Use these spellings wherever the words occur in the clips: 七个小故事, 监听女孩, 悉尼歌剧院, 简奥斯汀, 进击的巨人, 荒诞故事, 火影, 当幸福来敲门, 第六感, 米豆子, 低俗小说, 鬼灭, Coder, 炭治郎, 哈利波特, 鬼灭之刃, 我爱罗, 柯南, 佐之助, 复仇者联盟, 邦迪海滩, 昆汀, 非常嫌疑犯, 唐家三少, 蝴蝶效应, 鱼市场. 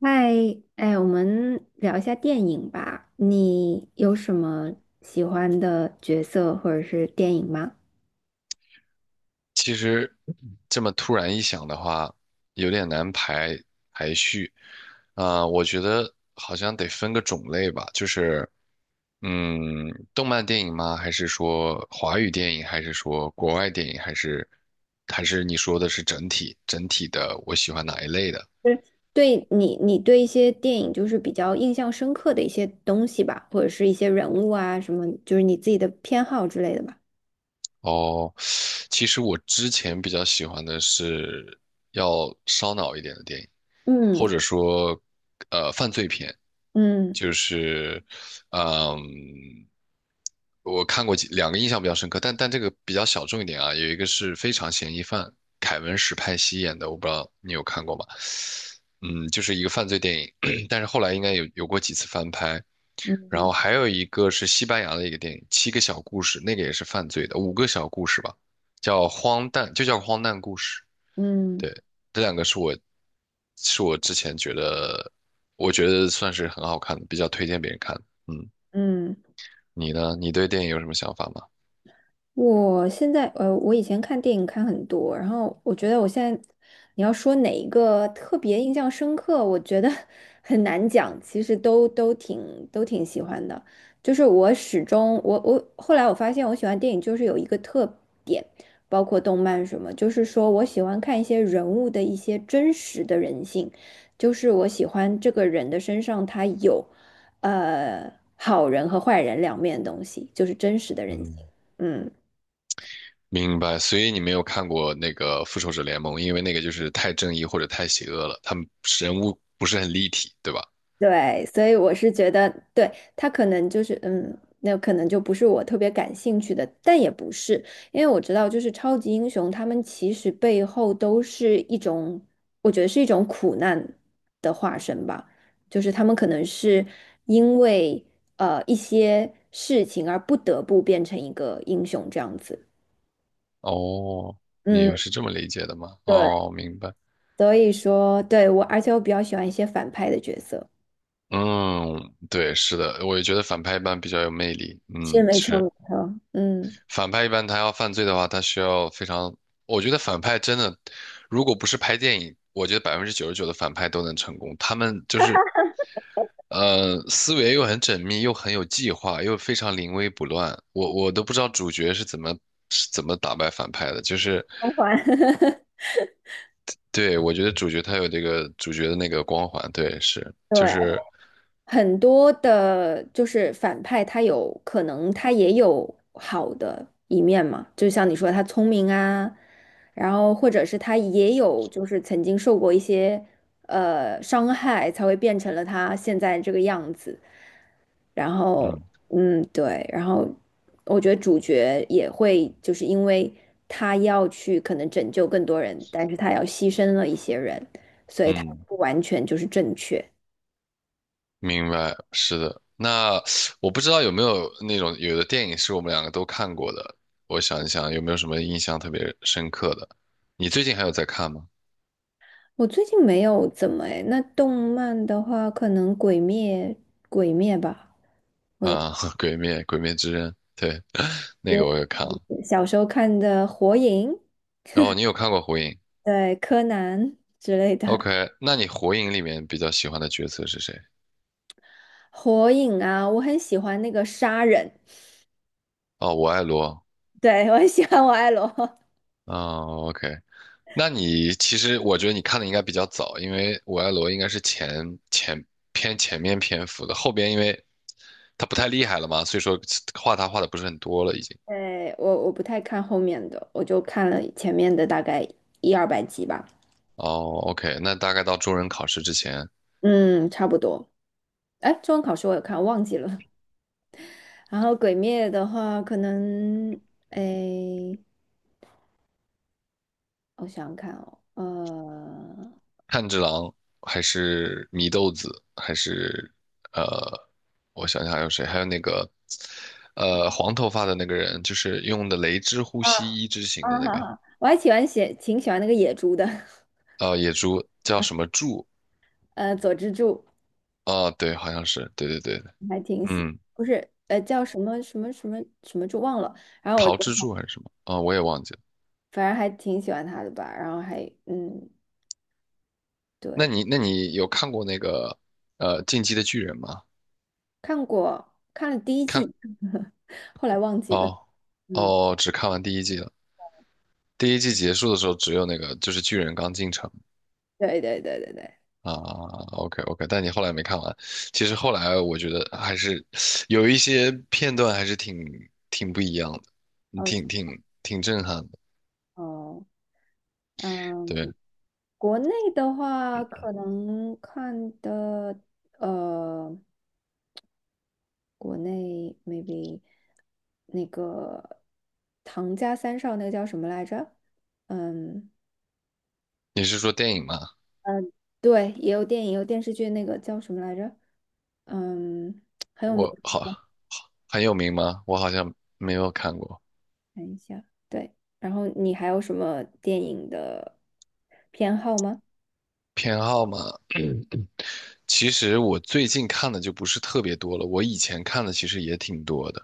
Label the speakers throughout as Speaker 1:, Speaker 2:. Speaker 1: 嗨，哎，我们聊一下电影吧。你有什么喜欢的角色或者是电影吗？
Speaker 2: 其实这么突然一想的话，有点难排序。我觉得好像得分个种类吧，就是嗯，动漫电影吗？还是说华语电影？还是说国外电影？还是你说的是整体的？我喜欢哪一类的？
Speaker 1: 就是对你，你对一些电影就是比较印象深刻的一些东西吧，或者是一些人物啊什么，就是你自己的偏好之类的吧。
Speaker 2: 哦，其实我之前比较喜欢的是要烧脑一点的电影，或
Speaker 1: 嗯
Speaker 2: 者说，犯罪片，
Speaker 1: 嗯
Speaker 2: 就是，嗯，我看过两个印象比较深刻，但这个比较小众一点啊，有一个是《非常嫌疑犯》，凯文·史派西演的，我不知道你有看过吗？嗯，就是一个犯罪电影，但是后来应该有过几次翻拍，然
Speaker 1: 嗯
Speaker 2: 后还有一个是西班牙的一个电影《七个小故事》，那个也是犯罪的，五个小故事吧，叫荒诞，就叫荒诞故事。
Speaker 1: 嗯
Speaker 2: 对，这两个是我之前觉得我觉得算是很好看的，比较推荐别人看的。嗯，
Speaker 1: 嗯，
Speaker 2: 你呢？你对电影有什么想法吗？
Speaker 1: 我现在我以前看电影看很多，然后我觉得我现在你要说哪一个特别印象深刻，我觉得 很难讲，其实都挺喜欢的。就是我后来发现我喜欢电影就是有一个特点，包括动漫什么，就是说我喜欢看一些人物的一些真实的人性，就是我喜欢这个人的身上他有好人和坏人两面的东西，就是真实的人性。
Speaker 2: 嗯，
Speaker 1: 嗯。
Speaker 2: 明白。所以你没有看过那个《复仇者联盟》，因为那个就是太正义或者太邪恶了，他们人物不是很立体，对吧？
Speaker 1: 对，所以我是觉得，对，他可能就是，嗯，那可能就不是我特别感兴趣的，但也不是，因为我知道，就是超级英雄，他们其实背后都是一种，我觉得是一种苦难的化身吧，就是他们可能是因为一些事情而不得不变成一个英雄这样子。
Speaker 2: 哦，你
Speaker 1: 嗯，
Speaker 2: 又是这么理解的吗？
Speaker 1: 对，
Speaker 2: 哦，明白。
Speaker 1: 所以说，对，而且我比较喜欢一些反派的角色，
Speaker 2: 嗯，对，是的，我也觉得反派一般比较有魅力。
Speaker 1: 是
Speaker 2: 嗯，
Speaker 1: 没错
Speaker 2: 是，
Speaker 1: 没错，嗯，
Speaker 2: 反派一般他要犯罪的话，他需要非常，我觉得反派真的，如果不是拍电影，我觉得99%的反派都能成功。他们就是思维又很缜密，又很有计划，又非常临危不乱。我都不知道主角是怎么打败反派的，就是，
Speaker 1: 光环。
Speaker 2: 对，我觉得主角他有这个主角的那个光环，对，是，就
Speaker 1: 对，
Speaker 2: 是。
Speaker 1: 很多的，就是反派，他有可能他也有好的一面嘛，就像你说他聪明啊，然后或者是他也有就是曾经受过一些伤害，才会变成了他现在这个样子。然后，
Speaker 2: 嗯
Speaker 1: 嗯，对，然后我觉得主角也会就是因为他要去可能拯救更多人，但是他要牺牲了一些人，所以他
Speaker 2: 嗯，
Speaker 1: 不完全就是正确。
Speaker 2: 明白，是的。那我不知道有没有那种有的电影是我们两个都看过的，我想一想有没有什么印象特别深刻的。你最近还有在看吗？
Speaker 1: 我最近没有怎么诶，那动漫的话，可能《鬼灭》吧，我有
Speaker 2: 啊，《鬼灭》《鬼灭之刃》，对，那
Speaker 1: 嗯
Speaker 2: 个我也看了。
Speaker 1: 小时候看的《火影》、
Speaker 2: 然后你有看过《火影》
Speaker 1: 对《柯南 <laughs>》之类的
Speaker 2: ？OK,那你《火影》里面比较喜欢的角色是谁？
Speaker 1: 《火影》啊，我很喜欢那个杀人，
Speaker 2: 哦，我爱罗。
Speaker 1: 对我很喜欢我爱罗。
Speaker 2: 哦，OK,那你其实我觉得你看的应该比较早，因为我爱罗应该是前偏前面篇幅的，后边因为他不太厉害了嘛，所以说画他画的不是很多了已经。
Speaker 1: 对，我我不太看后面的，我就看了前面的大概一二百集吧，
Speaker 2: 哦，OK,那大概到中忍考试之前，
Speaker 1: 嗯，差不多。哎，中文考试我有看，忘记了。然后《鬼灭》的话，可能诶。我想想看，哦，
Speaker 2: 炭治郎还是米豆子，还是呃，我想想还有谁？还有那个黄头发的那个人，就是用的雷之呼
Speaker 1: 呃，
Speaker 2: 吸一之型
Speaker 1: 啊，
Speaker 2: 的那
Speaker 1: 哈
Speaker 2: 个
Speaker 1: 哈，我还喜欢写，挺喜欢那个野猪的，
Speaker 2: 野猪，叫什么 柱
Speaker 1: 佐之助，
Speaker 2: 啊？对，好像是，对对对对，
Speaker 1: 我还挺喜，
Speaker 2: 嗯，
Speaker 1: 不是，叫什么什么什么什么猪忘了，然后我
Speaker 2: 桃
Speaker 1: 就
Speaker 2: 之柱还是什么啊？我也忘记了。
Speaker 1: 反正还挺喜欢他的吧，然后还嗯，
Speaker 2: 那
Speaker 1: 对。
Speaker 2: 你那你有看过那个《进击的巨人》吗？
Speaker 1: 看过看了第一季，后来忘记了
Speaker 2: 哦
Speaker 1: 嗯，
Speaker 2: 哦，只看完第一季了。第一季结束的时候，只有那个就是巨人刚进城
Speaker 1: 对对对对对，
Speaker 2: 啊。OK OK,但你后来没看完。其实后来我觉得还是有一些片段还是挺不一样的，嗯
Speaker 1: 哦
Speaker 2: 挺震撼的。
Speaker 1: 哦，嗯，
Speaker 2: 对，
Speaker 1: 国内的话可能看的呃。国内 maybe 那个唐家三少那个叫什么来着？嗯，
Speaker 2: 你是说电影吗？
Speaker 1: 嗯，对，也有电影，有电视剧，那个叫什么来着？嗯，很有名，
Speaker 2: 我好很有名吗？我好像没有看过。
Speaker 1: 看一下。对，然后你还有什么电影的偏好吗？
Speaker 2: 偏好嘛，其实我最近看的就不是特别多了，我以前看的其实也挺多的。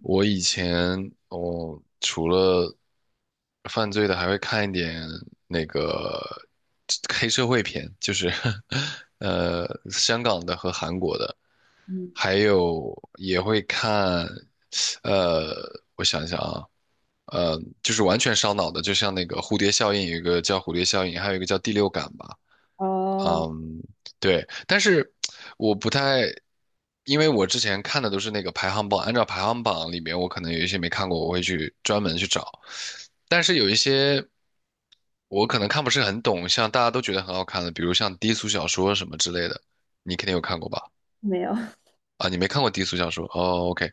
Speaker 2: 我以前哦，除了犯罪的，还会看一点那个黑社会片，就是 香港的和韩国的，
Speaker 1: 嗯，
Speaker 2: 还有也会看，呃，我想想啊，就是完全烧脑的，就像那个蝴蝶效应，有一个叫蝴蝶效应，还有一个叫第六感吧。
Speaker 1: 哦，
Speaker 2: 嗯，对，但是我不太，因为我之前看的都是那个排行榜，按照排行榜里面，我可能有一些没看过，我会去专门去找。但是有一些我可能看不是很懂，像大家都觉得很好看的，比如像低俗小说什么之类的，你肯定有看过吧？
Speaker 1: 没有，
Speaker 2: 啊，你没看过低俗小说？哦，OK,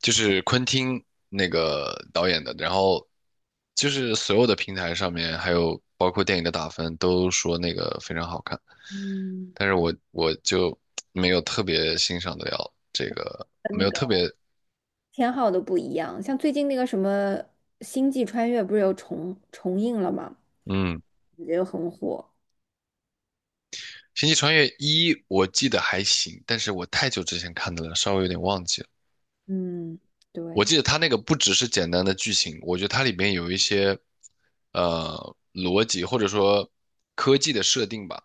Speaker 2: 就是昆汀那个导演的，然后就是所有的平台上面，还有包括电影的打分，都说那个非常好看。
Speaker 1: 嗯，
Speaker 2: 但是我就 没有特别欣赏得了这个，
Speaker 1: 跟
Speaker 2: 没
Speaker 1: 那
Speaker 2: 有
Speaker 1: 个，
Speaker 2: 特别，
Speaker 1: 偏好都不一样。像最近那个什么《星际穿越》不是又重映了吗？
Speaker 2: 嗯，
Speaker 1: 也很火。
Speaker 2: 《星际穿越一》我记得还行，但是我太久之前看的了，稍微有点忘记了。
Speaker 1: 嗯，
Speaker 2: 我
Speaker 1: 对。
Speaker 2: 记得它那个不只是简单的剧情，我觉得它里面有一些逻辑或者说科技的设定吧，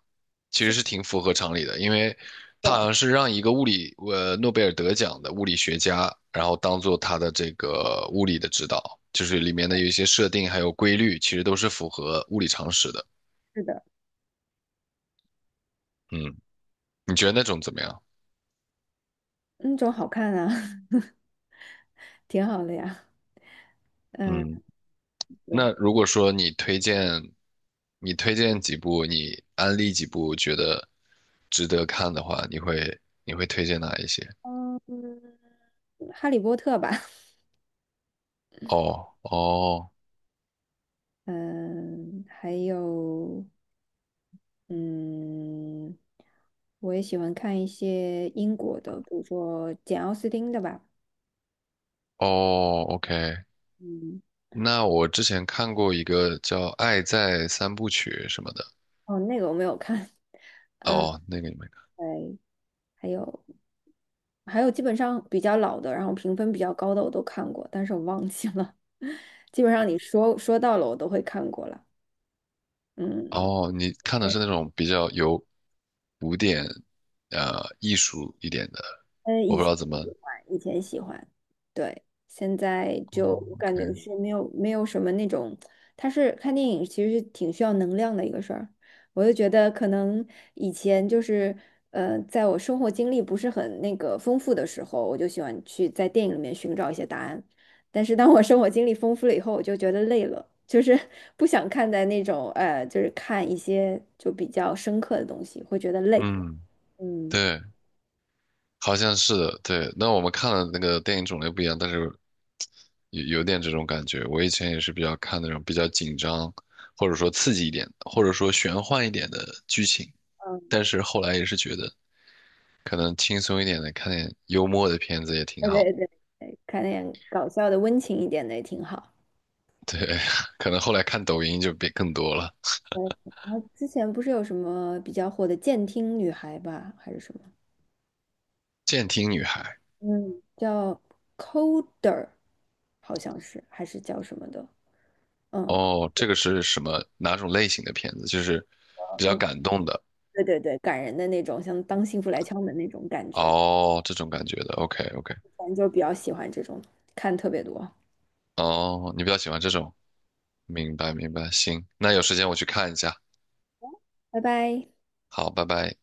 Speaker 2: 其实
Speaker 1: 是。
Speaker 2: 是挺符合常理的，因为它
Speaker 1: 对，
Speaker 2: 好像是让一个物理诺贝尔得奖的物理学家，然后当做他的这个物理的指导，就是里面的有一些设定还有规律，其实都是符合物理常识的。
Speaker 1: 是的，
Speaker 2: 嗯，你觉得那种怎么样？
Speaker 1: 那种好看啊，挺好的呀。嗯，
Speaker 2: 嗯
Speaker 1: 对，
Speaker 2: 那如果说你推荐，你推荐几部，你安利几部觉得值得看的话，你会推荐哪一些？
Speaker 1: 嗯，哈利波特吧，
Speaker 2: 哦哦
Speaker 1: 嗯，还有，嗯，我也喜欢看一些英国的，比如说简奥斯汀的吧，
Speaker 2: 哦，OK。
Speaker 1: 嗯，
Speaker 2: 那我之前看过一个叫《爱在三部曲》什么的，
Speaker 1: 哦，那个我没有看，嗯，
Speaker 2: 哦，那个你没看。
Speaker 1: 对，还有，还有基本上比较老的，然后评分比较高的我都看过，但是我忘记了，基本上你说说到了我都会看过了。嗯，
Speaker 2: 哦，你看的是那种比较有古典艺术一点的，我
Speaker 1: 以
Speaker 2: 不知
Speaker 1: 前
Speaker 2: 道怎
Speaker 1: 喜
Speaker 2: 么。
Speaker 1: 欢，以前喜欢，对，现在就
Speaker 2: 哦
Speaker 1: 我感
Speaker 2: ，OK,
Speaker 1: 觉是没有什么那种，它是看电影其实是挺需要能量的一个事儿，我就觉得可能以前就是在我生活经历不是很那个丰富的时候，我就喜欢去在电影里面寻找一些答案，但是当我生活经历丰富了以后，我就觉得累了，就是 不想看在那种就是看一些就比较深刻的东西，会觉得累，
Speaker 2: 嗯，
Speaker 1: 嗯。
Speaker 2: 对。好像是的，对。那我们看的那个电影种类不一样，但是有点这种感觉。我以前也是比较看那种比较紧张，或者说刺激一点，或者说玄幻一点的剧情，但是后来也是觉得可能轻松一点的，看点幽默的片子也挺
Speaker 1: 对
Speaker 2: 好的。
Speaker 1: 对对，对看点搞笑的、温情一点的也挺好。
Speaker 2: 对，可能后来看抖音就变更多了。
Speaker 1: 对，然后之前不是有什么比较火的监听女孩吧，还是什么？
Speaker 2: 《监听女孩》
Speaker 1: 嗯，叫 Coder,好像是，还是叫什么的？嗯，
Speaker 2: 哦，这个是什么哪种类型的片子？就是
Speaker 1: 哦
Speaker 2: 比
Speaker 1: 那
Speaker 2: 较感动的
Speaker 1: 对对对，感人的那种，像当幸福来敲门那种感觉，
Speaker 2: 哦，这种感觉的。OK OK。
Speaker 1: 反正就比较喜欢这种，看特别多。
Speaker 2: 哦，你比较喜欢这种，明白明白，行，那有时间我去看一下，
Speaker 1: 拜拜。
Speaker 2: 好，拜拜。